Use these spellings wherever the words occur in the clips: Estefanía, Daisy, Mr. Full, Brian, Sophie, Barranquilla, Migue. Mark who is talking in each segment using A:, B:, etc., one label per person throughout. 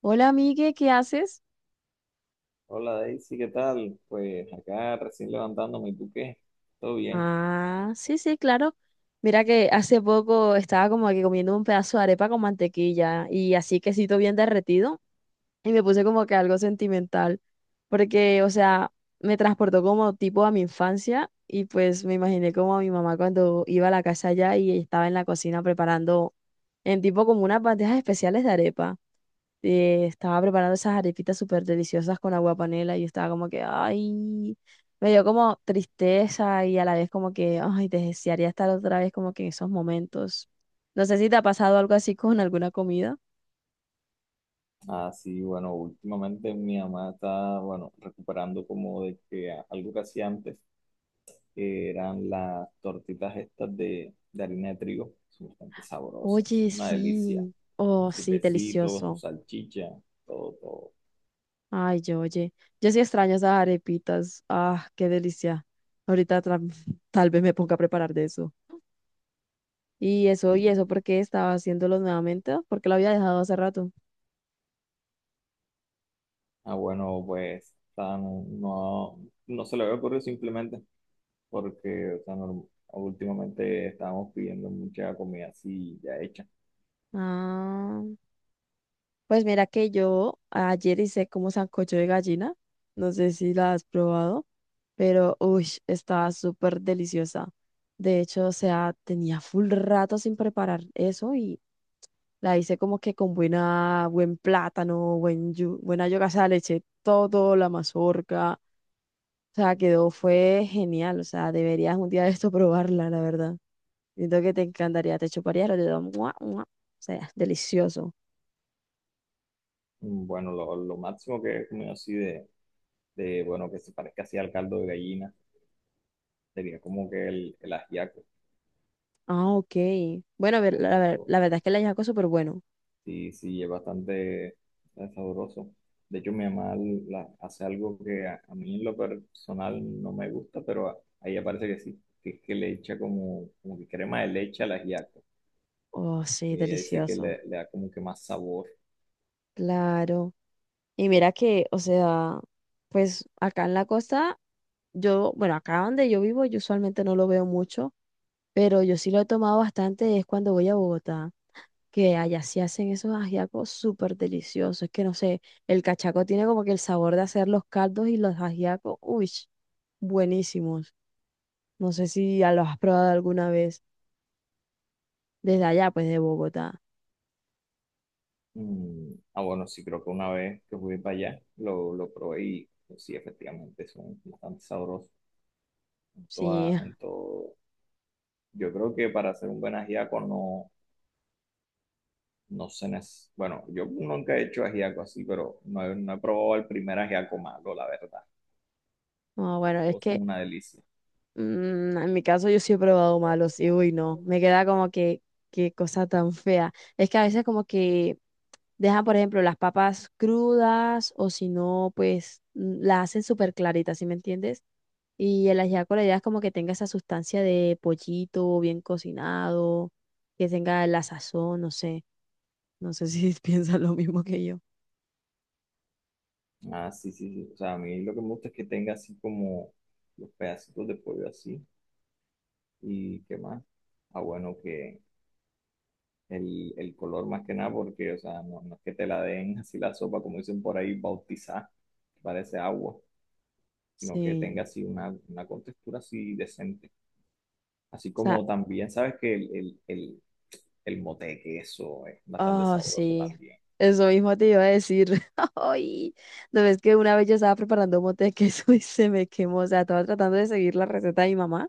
A: Hola, Migue, ¿qué haces?
B: Hola Daisy, ¿qué tal? Pues acá recién levantándome, ¿y tú qué? ¿Todo bien?
A: Ah, sí, sí, claro. Mira que hace poco estaba como que comiendo un pedazo de arepa con mantequilla y así quesito bien derretido y me puse como que algo sentimental porque, o sea, me transportó como tipo a mi infancia y pues me imaginé como a mi mamá cuando iba a la casa allá y estaba en la cocina preparando en tipo como unas bandejas especiales de arepa. Estaba preparando esas arepitas súper deliciosas con agua panela y estaba como que, ay, me dio como tristeza y a la vez como que, ay, desearía estar otra vez como que en esos momentos. No sé si te ha pasado algo así con alguna comida.
B: Ah, sí, bueno, últimamente mi mamá está, bueno, recuperando como de que algo que hacía antes, que eran las tortitas estas de harina de trigo, son bastante sabrosas,
A: Oye,
B: una delicia,
A: sí,
B: con
A: oh,
B: su
A: sí,
B: quesito, con su
A: delicioso.
B: salchicha, todo, todo.
A: Ay, yo, oye, yo sí extraño esas arepitas. Ah, qué delicia. Ahorita tal vez me ponga a preparar de eso. Y eso,
B: Y,
A: y eso, ¿por qué estaba haciéndolo nuevamente? Porque lo había dejado hace rato.
B: ah, bueno, pues no, no se le había ocurrido simplemente. Porque o sea, últimamente estábamos pidiendo mucha comida así ya hecha.
A: Ah. Pues mira que yo ayer hice como sancocho de gallina, no sé si la has probado, pero uy, estaba súper deliciosa. De hecho, o sea, tenía full rato sin preparar eso y la hice como que con buena, buen plátano, buena yuca, o sea, le eché todo, la mazorca, o sea, quedó, fue genial, o sea, deberías un día de esto probarla, la verdad. Siento que te encantaría, te chuparía, lo dedos, ¡mua, mua! O sea, delicioso.
B: Mm, bueno, lo máximo que he comido así bueno, que se parezca así al caldo de gallina, sería como que el ajiaco.
A: Ah, ok. Bueno, a
B: El
A: ver,
B: ajiaco
A: la verdad es que el ajiaco es súper bueno.
B: sí, sí, es bastante sabroso. De hecho, mi mamá hace algo que a mí en lo personal no me gusta, pero a ella parece que sí, que es que le echa como, como que crema de leche al ajiaco.
A: Oh, sí,
B: Y ella dice que
A: delicioso.
B: le da como que más sabor.
A: Claro. Y mira que, o sea, pues acá en la costa, yo, bueno, acá donde yo vivo, yo usualmente no lo veo mucho, pero yo sí lo he tomado bastante, es cuando voy a Bogotá, que allá sí hacen esos ajiacos súper deliciosos. Es que no sé, el cachaco tiene como que el sabor de hacer los caldos y los ajiacos, uy, buenísimos. No sé si ya los has probado alguna vez desde allá, pues de Bogotá.
B: Mm, ah, bueno, sí, creo que una vez que fui para allá lo probé y pues, sí, efectivamente son bastante sabrosos
A: Sí,
B: en todo. Yo creo que para hacer un buen ajiaco no, no se necesita. Bueno, yo nunca he hecho ajiaco así, pero no he probado el primer ajiaco malo, la verdad.
A: no, bueno, es
B: Todos
A: que
B: son una delicia.
A: en mi caso yo sí he probado malos y uy, no, me queda como que, qué cosa tan fea. Es que a veces como que dejan, por ejemplo, las papas crudas o si no, pues las hacen súper claritas, ¿sí me entiendes? Y el ajiaco la idea es como que tenga esa sustancia de pollito bien cocinado, que tenga la sazón, no sé, no sé si piensan lo mismo que yo.
B: Ah, sí, sí, sí. O sea, a mí lo que me gusta es que tenga así como los pedacitos de pollo así. ¿Y qué más? Ah, bueno, que el color más que nada, porque, o sea, no, no es que te la den así la sopa, como dicen por ahí, bautizada, que parece agua, sino que tenga
A: Sí.
B: así una contextura así decente. Así
A: O sea.
B: como también, sabes que el mote de queso es bastante
A: Oh,
B: sabroso
A: sí.
B: también.
A: Eso mismo te iba a decir. Ay, no ves que una vez yo estaba preparando un mote de queso y se me quemó. O sea, estaba tratando de seguir la receta de mi mamá.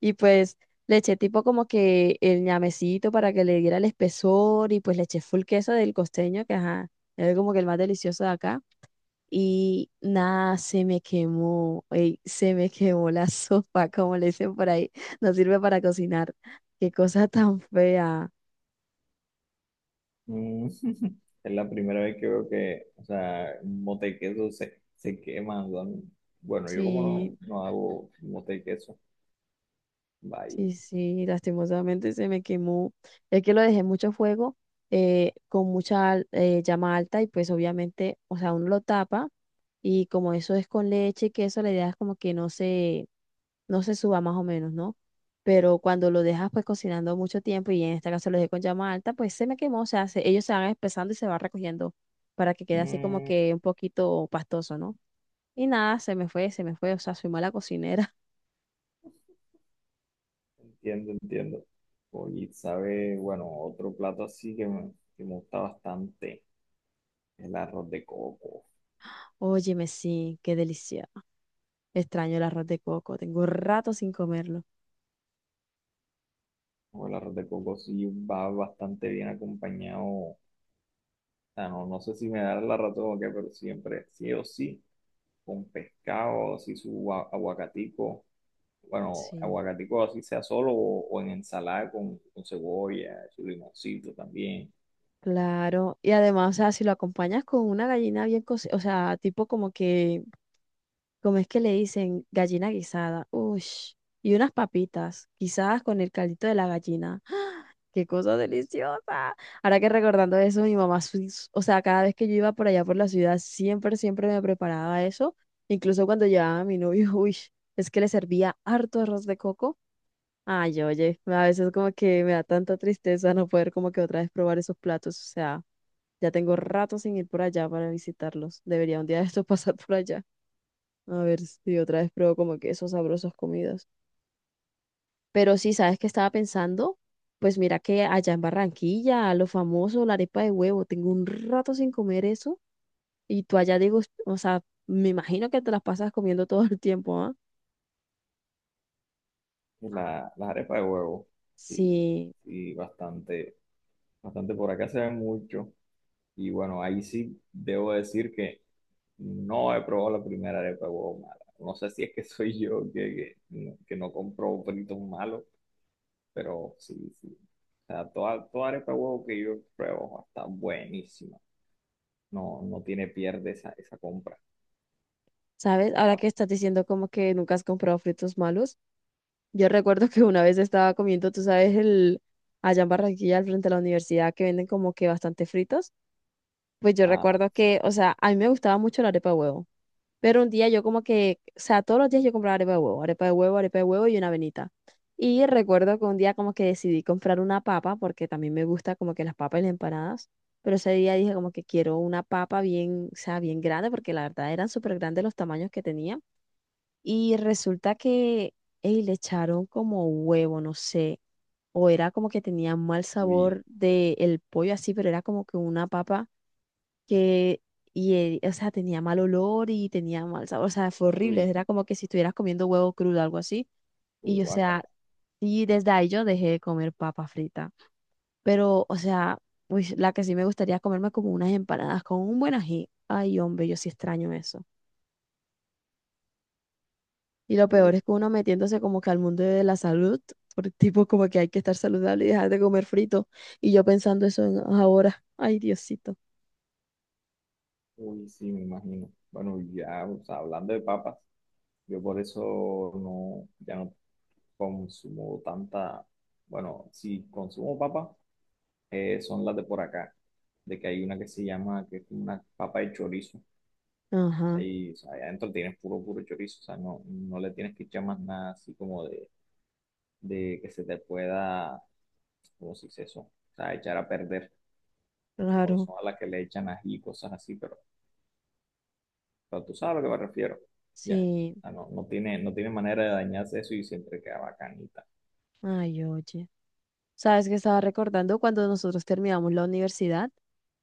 A: Y pues le eché tipo como que el ñamecito para que le diera el espesor. Y pues le eché full queso del costeño, que ajá, es como que el más delicioso de acá. Y nada, se me quemó. Ey, se me quemó la sopa, como le dicen por ahí. No sirve para cocinar. Qué cosa tan fea.
B: Mm. Es la primera vez que veo que, o sea, un mote de queso se quema. O sea, bueno, yo como no,
A: Sí.
B: no hago mote de queso,
A: Sí, sí, lastimosamente se me quemó. Es que lo dejé en mucho fuego, con llama alta y pues obviamente, o sea, uno lo tapa y como eso es con leche y queso, la idea es como que no se, no se suba más o menos, ¿no? Pero cuando lo dejas pues cocinando mucho tiempo y en este caso lo dejé con llama alta, pues se me quemó, o sea, ellos se van espesando y se va recogiendo para que quede así como
B: bye.
A: que un poquito pastoso, ¿no? Y nada, se me fue, o sea, soy mala cocinera.
B: Entiendo, entiendo. Oye, sabe, bueno, otro plato así que me gusta bastante, el arroz de coco.
A: Óyeme, sí, qué delicia. Extraño el arroz de coco, tengo rato sin comerlo.
B: O el arroz de coco sí va bastante bien acompañado. O sea, no, no sé si me da la razón o qué, pero siempre, sí o sí, con pescado, así su aguacatico. Bueno,
A: Sí.
B: aguacatico así sea solo o en ensalada con cebolla, su limoncito también.
A: Claro, y además, o sea, si lo acompañas con una gallina bien cocida, o sea, tipo como que, como es que le dicen, gallina guisada, uy, y unas papitas guisadas con el caldito de la gallina. ¡Ah! ¡Qué cosa deliciosa! Ahora que recordando eso, mi mamá, sí- o sea, cada vez que yo iba por allá por la ciudad, siempre, siempre me preparaba eso. Incluso cuando llevaba a mi novio, uy, es que le servía harto arroz de coco. Ay, oye, a veces como que me da tanta tristeza no poder como que otra vez probar esos platos. O sea, ya tengo rato sin ir por allá para visitarlos. Debería un día de esto pasar por allá. A ver si otra vez pruebo como que esos sabrosos comidas. Pero sí, ¿sabes qué estaba pensando? Pues mira que allá en Barranquilla, lo famoso, la arepa de huevo, tengo un rato sin comer eso. Y tú allá digo, o sea, me imagino que te las pasas comiendo todo el tiempo, ¿ah?
B: Las arepas de huevo, sí,
A: Sí.
B: sí, bastante, bastante por acá se ven mucho. Y bueno, ahí sí debo decir que no he probado la primera arepa de huevo mala. No sé si es que soy yo no que no compro fritos malos, pero sí, sí. O sea, toda, toda arepa de huevo que yo pruebo está buenísima. No, no tiene pierde esa compra.
A: ¿Sabes? Ahora que estás diciendo como que nunca has comprado fritos malos. Yo recuerdo que una vez estaba comiendo, tú sabes, el allá en Barranquilla, al frente de la universidad, que venden como que bastante fritos. Pues yo
B: Ah,
A: recuerdo que,
B: sí.
A: o sea, a mí me gustaba mucho la arepa de huevo. Pero un día yo como que, o sea, todos los días yo compraba arepa de huevo, arepa de huevo, arepa de huevo y una avenita. Y recuerdo que un día como que decidí comprar una papa, porque también me gusta como que las papas y las empanadas. Pero ese día dije como que quiero una papa bien, o sea, bien grande, porque la verdad eran súper grandes los tamaños que tenía. Y resulta que ey, le echaron como huevo, no sé, o era como que tenía mal
B: Uy,
A: sabor del pollo así, pero era como que una papa que, y, o sea, tenía mal olor y tenía mal sabor, o sea, fue horrible,
B: uy,
A: era como que si estuvieras comiendo huevo crudo, algo así.
B: uy,
A: Y, o sea,
B: guácala.
A: y desde ahí yo dejé de comer papa frita, pero, o sea, uy, la que sí me gustaría comerme como unas empanadas con un buen ají. Ay, hombre, yo sí extraño eso. Y lo peor es que uno metiéndose como que al mundo de la salud, por tipo como que hay que estar saludable y dejar de comer frito. Y yo pensando eso ahora. Ay, Diosito.
B: Uy, sí, me imagino. Bueno, ya, o sea, hablando de papas, yo por eso no, ya no consumo tanta, bueno, si consumo papas, son las de por acá, de que hay una que se llama, que es como una papa de chorizo, o sea,
A: Ajá,
B: y, o sea, ahí adentro tienes puro, puro chorizo, o sea, no, no le tienes que echar más nada así como de que se te pueda, como si se eso, o sea, echar a perder, como
A: claro.
B: son a las que le echan ají y cosas así, pero sea, tú sabes a lo que me refiero. Ya.
A: Sí.
B: Ah, no, no tiene, no tiene manera de dañarse eso y siempre queda bacanita.
A: Ay, oye. ¿Sabes que estaba recordando cuando nosotros terminamos la universidad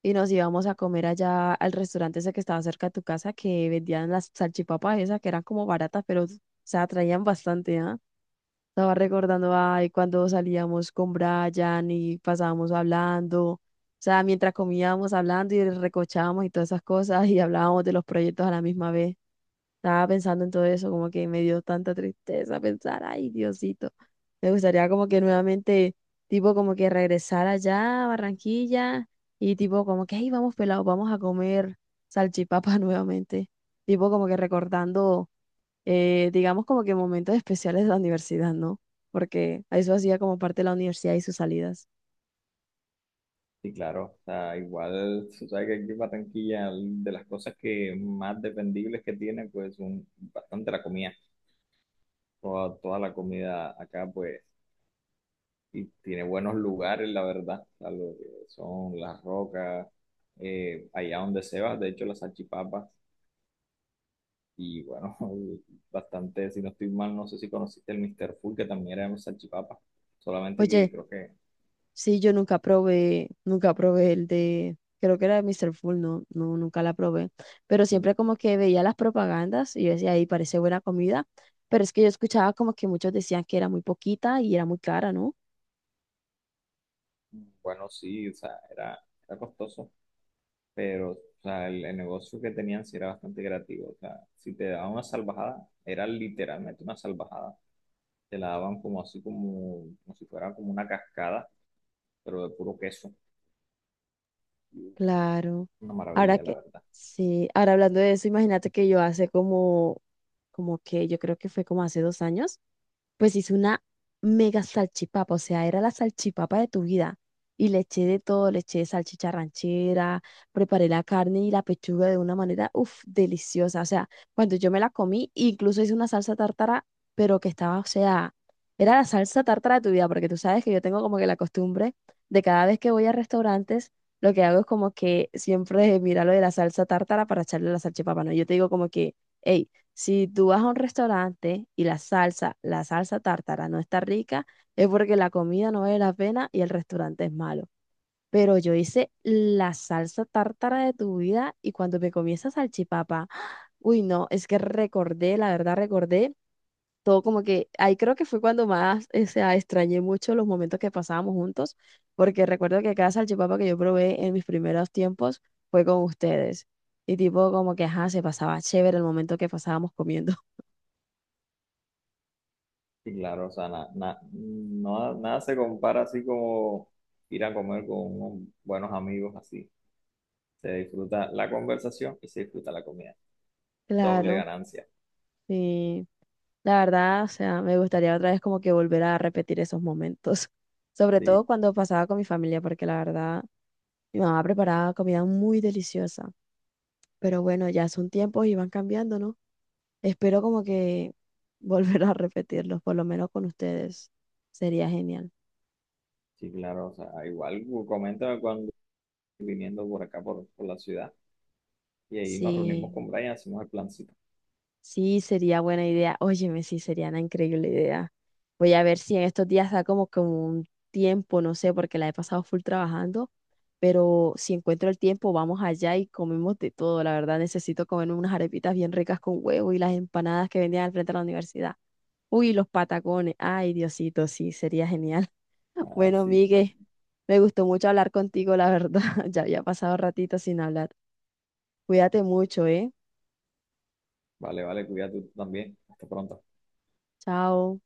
A: y nos íbamos a comer allá al restaurante ese que estaba cerca de tu casa que vendían las salchipapas esas que eran como baratas, pero o sea, traían bastante, ¿ah? Estaba recordando, ay, cuando salíamos con Brian y pasábamos hablando, o sea, mientras comíamos hablando y recochábamos y todas esas cosas y hablábamos de los proyectos a la misma vez. Estaba pensando en todo eso, como que me dio tanta tristeza pensar, ay, Diosito, me gustaría como que nuevamente, tipo, como que regresar allá a Barranquilla y tipo, como que, ay, vamos pelados, vamos a comer salchipapa nuevamente, tipo, como que recordando digamos como que momentos especiales de la universidad, ¿no? Porque eso hacía como parte de la universidad y sus salidas.
B: Y claro, o sea, igual, tú sabes que aquí en Barranquilla, de las cosas que más dependibles que tiene, bastante la comida. Toda, toda la comida acá, pues, y tiene buenos lugares, la verdad. O sea, lo que son las rocas, allá donde se va, de hecho, las salchipapas. Y bueno, bastante, si no estoy mal, no sé si conociste el Mr. Full, que también era un salchipapa. Solamente que
A: Oye, sí, yo nunca probé, nunca probé el de, creo que era de Mr. Full, no, no, nunca la probé, pero
B: mm,
A: siempre como que veía las propagandas y yo decía, ahí parece buena comida, pero es que yo escuchaba como que muchos decían que era muy poquita y era muy cara, ¿no?
B: bueno, sí, o sea, era costoso, pero o sea, el negocio que tenían sí era bastante creativo. O sea, si te daban una salvajada, era literalmente una salvajada. Te la daban como así, como, como si fuera como una cascada, pero de puro queso. Y, uf,
A: Claro.
B: una
A: Ahora
B: maravilla, la
A: que,
B: verdad.
A: sí, ahora hablando de eso, imagínate que yo hace como, como que yo creo que fue como hace 2 años. Pues hice una mega salchipapa, o sea, era la salchipapa de tu vida. Y le eché de todo, le eché salchicha ranchera, preparé la carne y la pechuga de una manera, uff, deliciosa. O sea, cuando yo me la comí, incluso hice una salsa tártara, pero que estaba, o sea, era la salsa tártara de tu vida, porque tú sabes que yo tengo como que la costumbre de cada vez que voy a restaurantes, lo que hago es como que siempre mirar lo de la salsa tártara para echarle a la salchipapa, ¿no? Yo te digo como que, hey, si tú vas a un restaurante y la salsa tártara no está rica, es porque la comida no vale la pena y el restaurante es malo. Pero yo hice la salsa tártara de tu vida y cuando me comí esa salchipapa, uy, no, es que recordé, la verdad recordé todo como que, ahí creo que fue cuando más, o sea, extrañé mucho los momentos que pasábamos juntos, porque recuerdo que cada salchipapa que yo probé en mis primeros tiempos fue con ustedes. Y tipo como que, ajá, se pasaba chévere el momento que pasábamos comiendo.
B: Sí, claro, o sea, nada se compara así como ir a comer con unos buenos amigos así. Se disfruta la conversación y se disfruta la comida. Doble
A: Claro,
B: ganancia.
A: sí. La verdad, o sea, me gustaría otra vez como que volver a repetir esos momentos, sobre todo
B: Sí,
A: cuando pasaba con mi familia, porque la verdad, mi mamá preparaba comida muy deliciosa, pero bueno, ya son tiempos y van cambiando, ¿no? Espero como que volver a repetirlos, por lo menos con ustedes, sería genial.
B: sí, claro, o sea, igual coméntame cuando viniendo por acá, por la ciudad, y ahí nos reunimos
A: Sí.
B: con Brian, hacemos el plancito.
A: Sí, sería buena idea. Óyeme, sí, sería una increíble idea. Voy a ver si en estos días da como, como un tiempo, no sé, porque la he pasado full trabajando, pero si encuentro el tiempo, vamos allá y comemos de todo. La verdad, necesito comerme unas arepitas bien ricas con huevo y las empanadas que vendían al frente de la universidad. Uy, los patacones. Ay, Diosito, sí, sería genial. Bueno,
B: Así,
A: Migue, me gustó mucho hablar contigo, la verdad. Ya había pasado ratito sin hablar. Cuídate mucho, ¿eh?
B: vale, vale, cuídate tú también. Hasta pronto.
A: Chao.